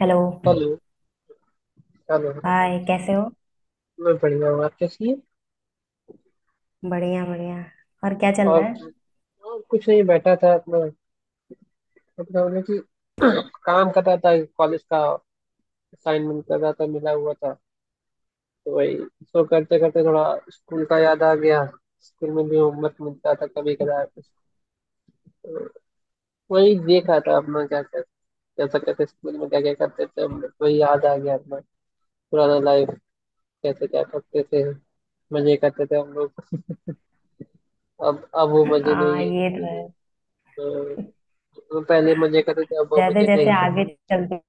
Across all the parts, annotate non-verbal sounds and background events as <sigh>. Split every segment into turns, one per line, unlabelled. Hello.
Hello hello hello.
Hi, कैसे हो?
मैं बढ़िया हूँ आप कैसी हैं।
बढ़िया बढ़िया। और क्या चल रहा
और,
है?
और कुछ नहीं बैठा था अपना अपना उन्हें कि काम कर रहा था कॉलेज का असाइनमेंट कर रहा था मिला हुआ था। तो वही इसको करते करते थोड़ा स्कूल का याद आ गया। स्कूल में भी होमवर्क मिलता था कभी कदार। तो वही देख रहा था अपना क्या क्या कैसा कैसे स्कूल में क्या क्या करते थे हम लोग। वही याद आ गया अपना पुराना लाइफ। कैसे क्या करते थे मजे करते थे हम लोग। अब वो मजे
हाँ,
नहीं
ये तो है।
है। वो पहले मजे करते थे अब
जैसे
मजे
जैसे
नहीं है।
आगे चलते।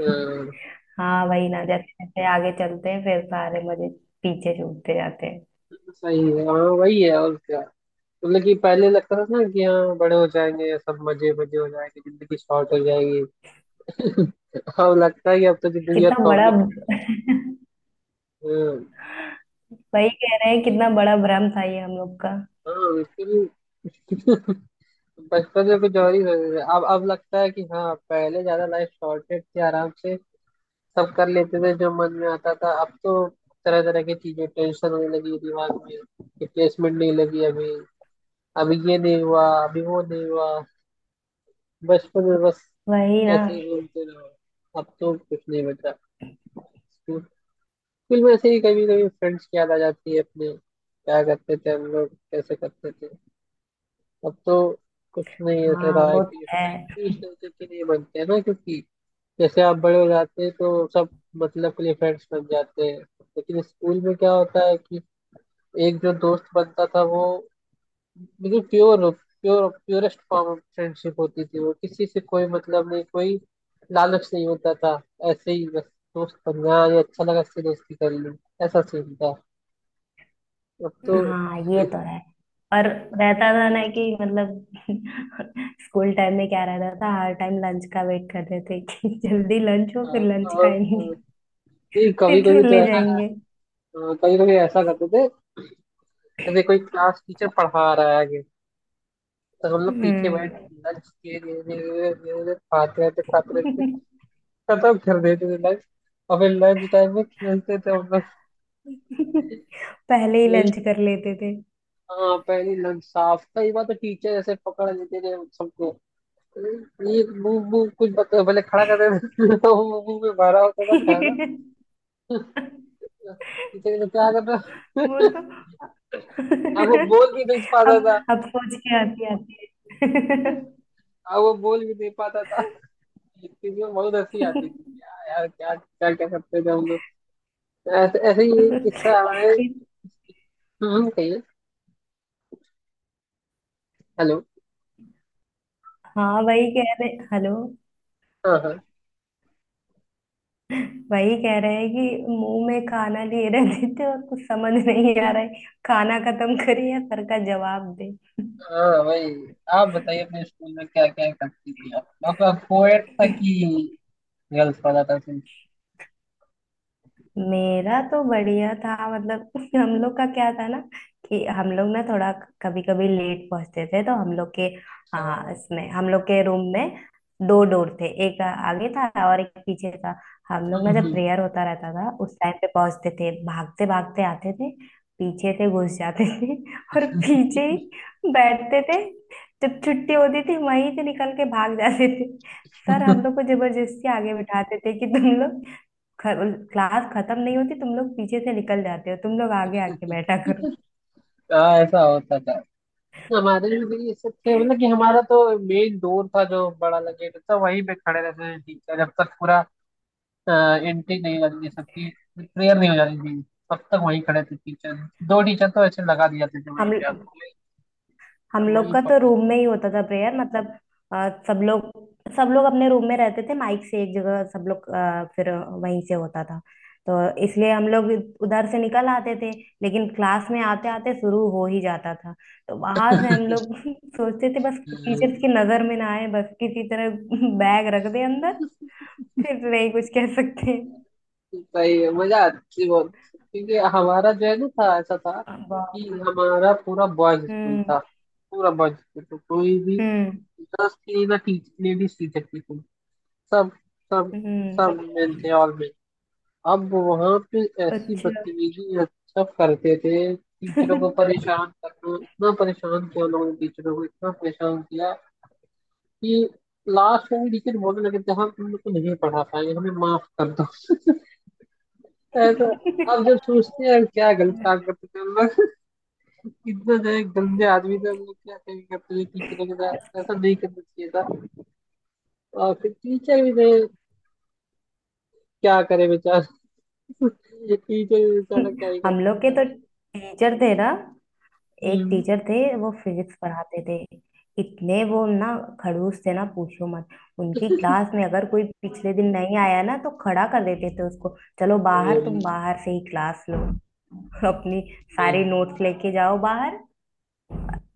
हाँ,
हाँ, वही ना, जैसे जैसे आगे चलते हैं फिर सारे मजे पीछे छूटते जाते हैं।
सही है हाँ वही है और क्या। मतलब कि पहले लगता था ना कि हाँ बड़े हो जाएंगे सब मजे मजे हो जाएंगे जिंदगी शॉर्ट हो जाएगी। <laughs> अब लगता है कि अब तो जिंदगी
कितना
बहुत
बड़ा,
कॉम्प्लिकेटेड।
वही कह रहे हैं, कितना बड़ा भ्रम था ये हम लोग का।
हाँ लेकिन। <laughs> बचपन में कुछ और ही रहते थे। अब लगता है कि हाँ पहले ज्यादा लाइफ शॉर्टेड थी आराम से सब कर लेते थे जो मन में आता था। अब तो तरह तरह की चीजें टेंशन होने लगी दिमाग में। कि प्लेसमेंट नहीं लगी अभी अभी ये नहीं हुआ अभी वो नहीं हुआ। बचपन में बस
वही ना।
ऐसे ही घूमते रहो। अब तो कुछ नहीं बचा। स्कूल स्कूल में ऐसे ही कभी कभी फ्रेंड्स की याद आ जाती है अपने क्या करते थे हम लोग कैसे करते थे। अब तो कुछ नहीं ऐसा
हाँ,
रहा है
वो तो
कि
है।
फ्रेंड भी इस तरीके के नहीं बनते हैं ना। क्योंकि जैसे आप बड़े हो जाते हैं तो सब मतलब के लिए फ्रेंड्स बन जाते हैं। लेकिन स्कूल में क्या होता है कि एक जो दोस्त बनता था वो बिल्कुल pure pure purest form of friendship होती थी। वो किसी से कोई मतलब नहीं कोई लालच नहीं होता था। ऐसे ही बस दोस्त बन गया ये अच्छा लगा इससे दोस्ती कर ली। ऐसा सीन था। अब तो
हाँ, ये तो है। और रहता था ना कि मतलब, <laughs> स्कूल टाइम में क्या रहता था, हर टाइम लंच का वेट करते थे कि <laughs> जल्दी लंच हो,
हाँ,
फिर लंच खाएंगे,
और नहीं। कभी
फिर
कभी तो
खेलने
ऐसा
जाएंगे।
कभी कभी ऐसा करते थे। जैसे कोई क्लास टीचर पढ़ा रहा है आगे तो हम लोग पीछे बैठ
हम्म।
लंच किए धीरे धीरे धीरे धीरे धीरे खाते रहते खत्म कर देते थे लंच। और फिर लंच टाइम में खेलते थे हम
<laughs> पहले ही
लोग।
लंच कर लेते थे।
हाँ पहली लग साफ कई बार तो टीचर ऐसे पकड़ लेते थे सबको। ये मुंह मुंह कुछ बता भले खड़ा कर देते थे, <laughs> तो वो मुंह में भरा होता था खाना।
<laughs>
टीचर कहते, क्या कर रहा।
वो तो
अब वो बोल
<laughs>
भी नहीं पाता था।
अब अब सोच के आती आती है।
अब वो बोल भी नहीं पाता था। इसलिए बहुत हंसी आती थी क्या यार क्या क्या क्या करते थे हम लोग। तो ऐसे ऐसे ही एक किस्सा हमारे।
<laughs>
कहिए। हेलो।
हाँ, वही कह रहे। हेलो।
हाँ हाँ।
वही कह रहे हैं कि मुंह में खाना लिए रहते थे और कुछ समझ नहीं आ रहा है, खाना खत्म करे या सर का जवाब।
हाँ वही। आप बताइए अपने स्कूल में क्या क्या करती थी आप आपका कोएड था कि गर्ल्स वाला था।
मेरा तो बढ़िया था, मतलब <laughs> हम लोग का क्या था ना कि हम लोग ना थोड़ा कभी कभी लेट पहुंचते थे तो हम लोग के, हाँ,
हम्म,
इसमें हम लोग के रूम में दो डोर थे, एक आगे था और एक पीछे था। हम लोग ना जब प्रेयर होता रहता था उस टाइम पे पहुंचते थे, भागते भागते आते थे, पीछे से घुस जाते थे <laughs> और पीछे ही बैठते थे। जब छुट्टी होती थी वहीं से निकल के भाग जाते थे। सर हम लोग को जबरदस्ती आगे बिठाते थे कि तुम लोग ख, क्लास खत्म नहीं होती, तुम लोग पीछे से निकल जाते हो, तुम लोग आगे आके बैठा करो।
हाँ ऐसा होता था। हमारे में भी ये सब थे मतलब कि हमारा तो मेन डोर था जो बड़ा लगे था वहीं पे खड़े रहते थे टीचर जब तक पूरा एंट्री नहीं हो जाती थी सबकी प्रेयर नहीं हो जाती थी तब तक वहीं खड़े थे टीचर। दो टीचर तो ऐसे लगा दिए जाते थे वहीं
हम
पे आप
हम लोग
वही
का तो
पकड़।
रूम में ही होता था प्रेयर, मतलब अ, सब लोग सब लोग अपने रूम में रहते थे, माइक से एक जगह सब लोग फिर वहीं से होता था। तो इसलिए हम लोग उधर से निकल आते थे, लेकिन क्लास में आते आते शुरू हो ही जाता था। तो वहां से हम लोग <laughs> सोचते थे बस टीचर्स
हम्म,
की नजर में ना आए, बस किसी तरह <laughs> बैग रख दे अंदर। फिर नहीं कुछ कह सकते।
सही मजा आती थी बहुत क्योंकि हमारा जो है ना था ऐसा था कि
वाह।
हमारा पूरा बॉयज स्कूल
हम्म।
था। पूरा बॉयज स्कूल तो कोई भी
हम्म।
गर्ल्स की ना टीच लेडीज टीचर थी। सब सब सब
हम्म।
में थे और में। अब वहां पे ऐसी
अच्छा।
बदतमीजी सब करते थे। टीचरों को
<laughs>
परेशान करना इतना परेशान किया लोगों ने टीचरों को इतना परेशान किया कि लास्ट में भी टीचर बोलने लगे थे हम तुम लोग को नहीं पढ़ा पाएंगे हमें माफ कर दो। ऐसा अब जब सोचते हैं क्या गलत काम करते थे हम लोग इतना जो गंदे आदमी थे हम लोग क्या कहीं करते थे टीचरों के साथ ऐसा नहीं करना चाहिए था। और फिर टीचर भी थे क्या करे बेचारा। ये टीचर भी बेचारा क्या ही
हम लोग के
करे।
तो टीचर थे ना, एक
हम्म,
टीचर थे, वो फिजिक्स पढ़ाते थे। इतने वो ना खड़ूस थे ना, पूछो मत। उनकी क्लास में अगर कोई पिछले दिन नहीं आया ना, तो खड़ा कर देते थे उसको, चलो बाहर, तुम
अभी-
बाहर से ही क्लास लो। <laughs> अपनी
भाई,
सारी नोट्स लेके जाओ बाहर,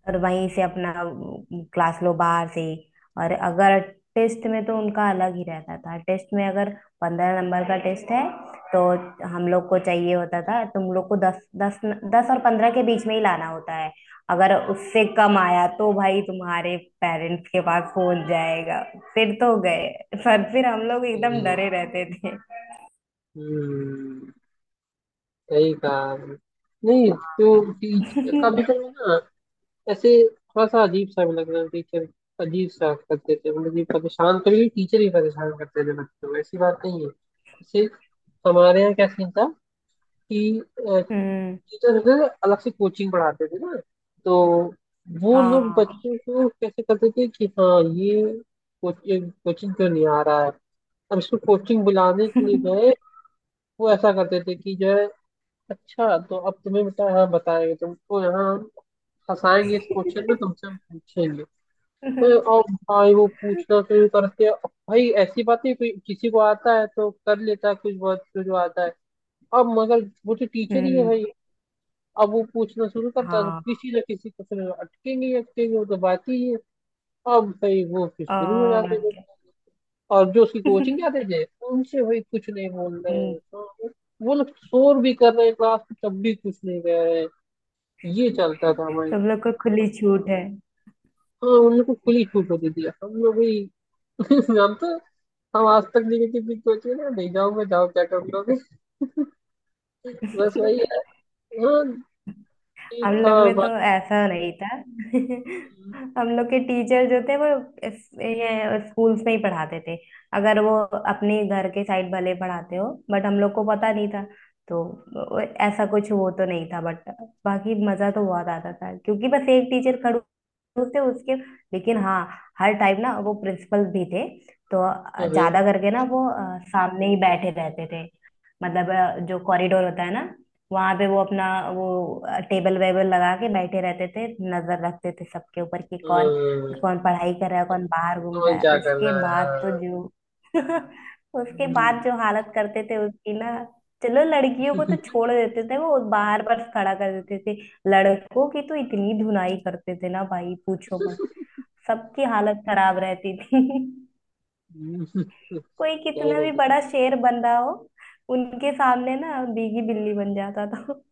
और वहीं से अपना क्लास लो बाहर से ही। और अगर टेस्ट में, तो उनका अलग ही रहता था। टेस्ट में अगर 15 नंबर का टेस्ट है, तो हम लोग को चाहिए होता था, तुम लोग को 10 10, 10 और 15 के बीच में ही लाना होता है। अगर उससे कम आया तो भाई तुम्हारे पेरेंट्स के पास फोन जाएगा, फिर तो गए। पर फिर हम लोग
अ,
एकदम डरे रहते थे।
हम्म, सही कहा आपने। नहीं तो टीचर कभी
<laughs>
कभी ना ऐसे थोड़ा सा अजीब सा भी लग रहा है टीचर अजीब सा करते थे। मतलब कि परेशान कभी कभी टीचर ही परेशान करते थे बच्चों को। ऐसी बात नहीं है। जैसे हमारे यहाँ क्या सीन था कि
हम्म।
टीचर अलग से कोचिंग पढ़ाते थे ना। तो वो लोग
हाँ।
बच्चों को कैसे करते थे कि हाँ ये कोचिंग कोचिंग क्यों नहीं आ रहा है। अब इसको कोचिंग बुलाने के लिए जो है वो ऐसा करते थे कि जो है अच्छा तो अब तुम्हें बेटा यहाँ बताएंगे तुमको यहाँ हम फंसाएंगे इस क्वेश्चन में तुमसे हम पूछेंगे। तो
<laughs>
और भाई वो पूछना शुरू करते हैं। अब भाई ऐसी बात नहीं कोई किसी को आता है तो कर लेता है कुछ बहुत जो आता है। अब मगर वो तो टीचर ही है
हम्म।
भाई। अब वो पूछना शुरू करता है तो
हाँ।
किसी ना किसी क्वेश्चन में अटकेंगे ही अटकेंगे वो तो बात ही है। अब भाई वो फिर शुरू हो
और
जाते हैं।
क्या।
और जो उसकी कोचिंग क्या
<laughs>
थे उनसे भाई कुछ नहीं बोल रहे
हम्म,
हैं तो वो लोग शोर भी कर रहे हैं क्लास में तब भी कुछ नहीं कह रहे हैं। ये चलता था भाई।
तुम लोग को खुली छूट है।
हाँ उन लोग को खुली छूट होती थी हम लोग भी <laughs> जानते हैं, हम आज तक निगेटिव भी कोचिंग ना नहीं जाऊंगा जाओ क्या कर लोगे बस वही है।
<laughs>
हाँ ठीक
हम
था।
लोग में तो
बाकी
ऐसा नहीं था। <laughs> हम लोग के टीचर जो थे, वो ये स्कूल्स में ही पढ़ाते थे। अगर वो अपने घर के साइड भले पढ़ाते हो बट हम लोग को पता नहीं था, तो ऐसा कुछ वो तो नहीं था, बट बाकी मजा तो बहुत आता था, क्योंकि बस एक टीचर खड़ूस थे उसके। लेकिन हाँ, हर टाइम ना वो प्रिंसिपल भी थे, तो
अरे,
ज्यादा करके ना वो सामने ही बैठे रहते थे। मतलब जो कॉरिडोर होता है ना, वहां पे वो अपना वो टेबल वेबल लगा के बैठे रहते थे, नजर रखते थे सबके ऊपर कि कौन
हाँ,
कौन पढ़ाई कर रहा है, कौन बाहर घूम रहा
तो
है।
क्या कर
उसके
रहा है
बाद तो
हाँ।
जो <laughs> उसके
हम्म,
बाद जो हालत करते थे उसकी ना, चलो लड़कियों को तो छोड़ देते थे, वो बाहर बस खड़ा कर देते थे। लड़कों की तो इतनी धुनाई करते थे ना भाई, पूछो मत। सबकी हालत खराब रहती थी। <laughs>
<laughs>
कोई
क्या ही
कितना
कर
भी बड़ा
सकते
शेर बन रहा हो, उनके सामने ना भीगी बिल्ली बन जाता था।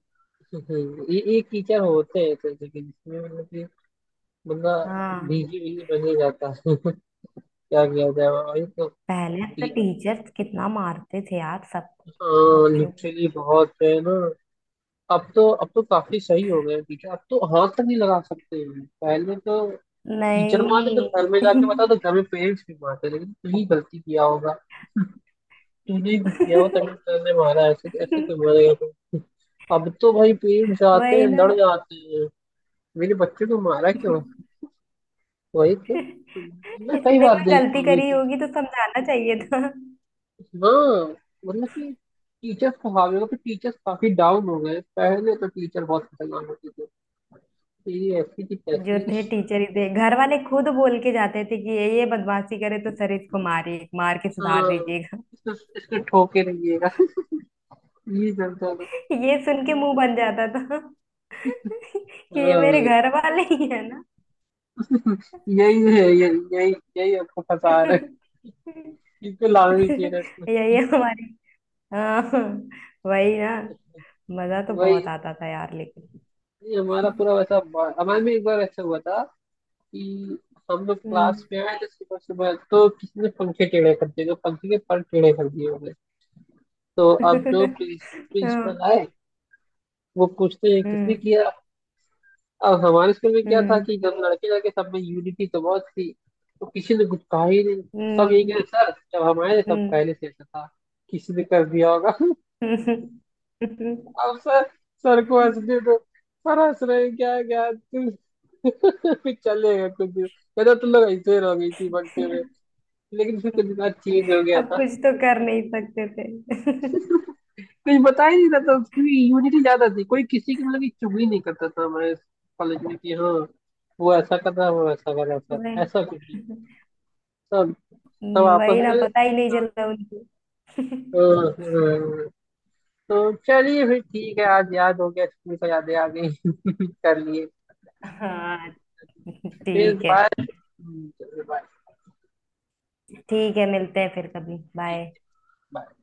हैं। <laughs> एक टीचर होते हैं ऐसे, लेकिन इसमें मतलब कि बंदा
हाँ,
भीगी भीगी बन ही जाता है। <laughs> क्या किया जाए भाई तो
पहले तो टीचर्स कितना मारते थे यार, सबको, बच्चों को।
लिटरली बहुत है ना। अब तो काफी सही हो गए टीचर। अब तो हाथ तक नहीं लगा सकते हैं। पहले तो टीचर मारे तो
नहीं।
घर में जाके बता तो घर में पेरेंट्स भी मारते लेकिन तू ही गलती किया होगा तूने ही कुछ किया होगा तभी सर ने
<laughs>
मारा। ऐसे तो मारेगा तो <laughs> अब तो भाई पेरेंट्स आते
वही
हैं लड़
ना,
जाते हैं। मेरे बच्चे को मारा क्यों वही तो मैं कई
इसने
बार
कोई
देखा
गलती
हूँ।
करी होगी तो समझाना चाहिए था।
हाँ मतलब कि टीचर्स को हावी होगा पर टीचर्स काफी डाउन हो गए। पहले तो टीचर बहुत खतरनाक होते थे ये ऐसी की
जो
तैसी।
थे टीचर ही थे, घर वाले खुद बोल के जाते थे कि ये बदमाशी करे तो सर इसको मारिए, मार के सुधार
हाँ
दीजिएगा।
इसको इसको ठोके रहिएगा। ये चलता था।
ये सुन के मुंह बन जाता था कि ये मेरे
हाँ
घर वाले ही है ना।
यही है ये यही यही आपको फंसा रहा है। इनको लाना नहीं चाहिए था इसमें।
यही हमारी, हाँ, वही ना। मजा तो
वही
बहुत आता था यार लेकिन।
ये हमारा पूरा वैसा हमारे में एक बार ऐसा हुआ था कि हम लोग
हम्म।
क्लास में आए थे सुबह सुबह तो किसी ने पंखे टेढ़े कर दिए। तो पंखे के पर टेढ़े कर दिए होंगे। तो अब जो
हाँ,
प्रिंसिपल आए वो पूछते हैं किसने
हम्म।
किया। अब हमारे स्कूल में क्या था
हम्म।
कि जब लड़के लड़के सब में यूनिटी तो बहुत थी। तो किसी ने कुछ कहा ही नहीं। सब यही
हम्म।
कह सर जब हम आए तब पहले से ऐसा था किसी ने कर दिया होगा। <laughs>
हम्म। हम्म।
अब सर सर को हंसने दो। सर हंस रहे हैं, क्या क्या तुम। <laughs> फिर चलेगा कुछ दिन। पहले तो लोग ऐसे ही रह गई थी बनते हुए। लेकिन फिर कुछ दिन बाद चेंज हो गया।
अब कुछ तो कर नहीं सकते थे।
कुछ बता ही नहीं रहा था क्योंकि यूनिटी ज्यादा थी कोई किसी की मतलब की चुगली नहीं करता था हमारे कॉलेज में। कि हाँ वो ऐसा कर रहा है वो ऐसा कर रहा था
वही,
ऐसा कुछ नहीं। सब सब आपस
वही ना,
में।
पता ही नहीं चला उनको।
हाँ, हाँ। तो चलिए फिर ठीक है आज याद हो गया स्कूल का यादें आ गई <laughs> कर लिए।
हाँ,
फिर
ठीक है।
बाय चलिए, बाय।
ठीक है, मिलते हैं फिर कभी, बाय।
ठीक बाय।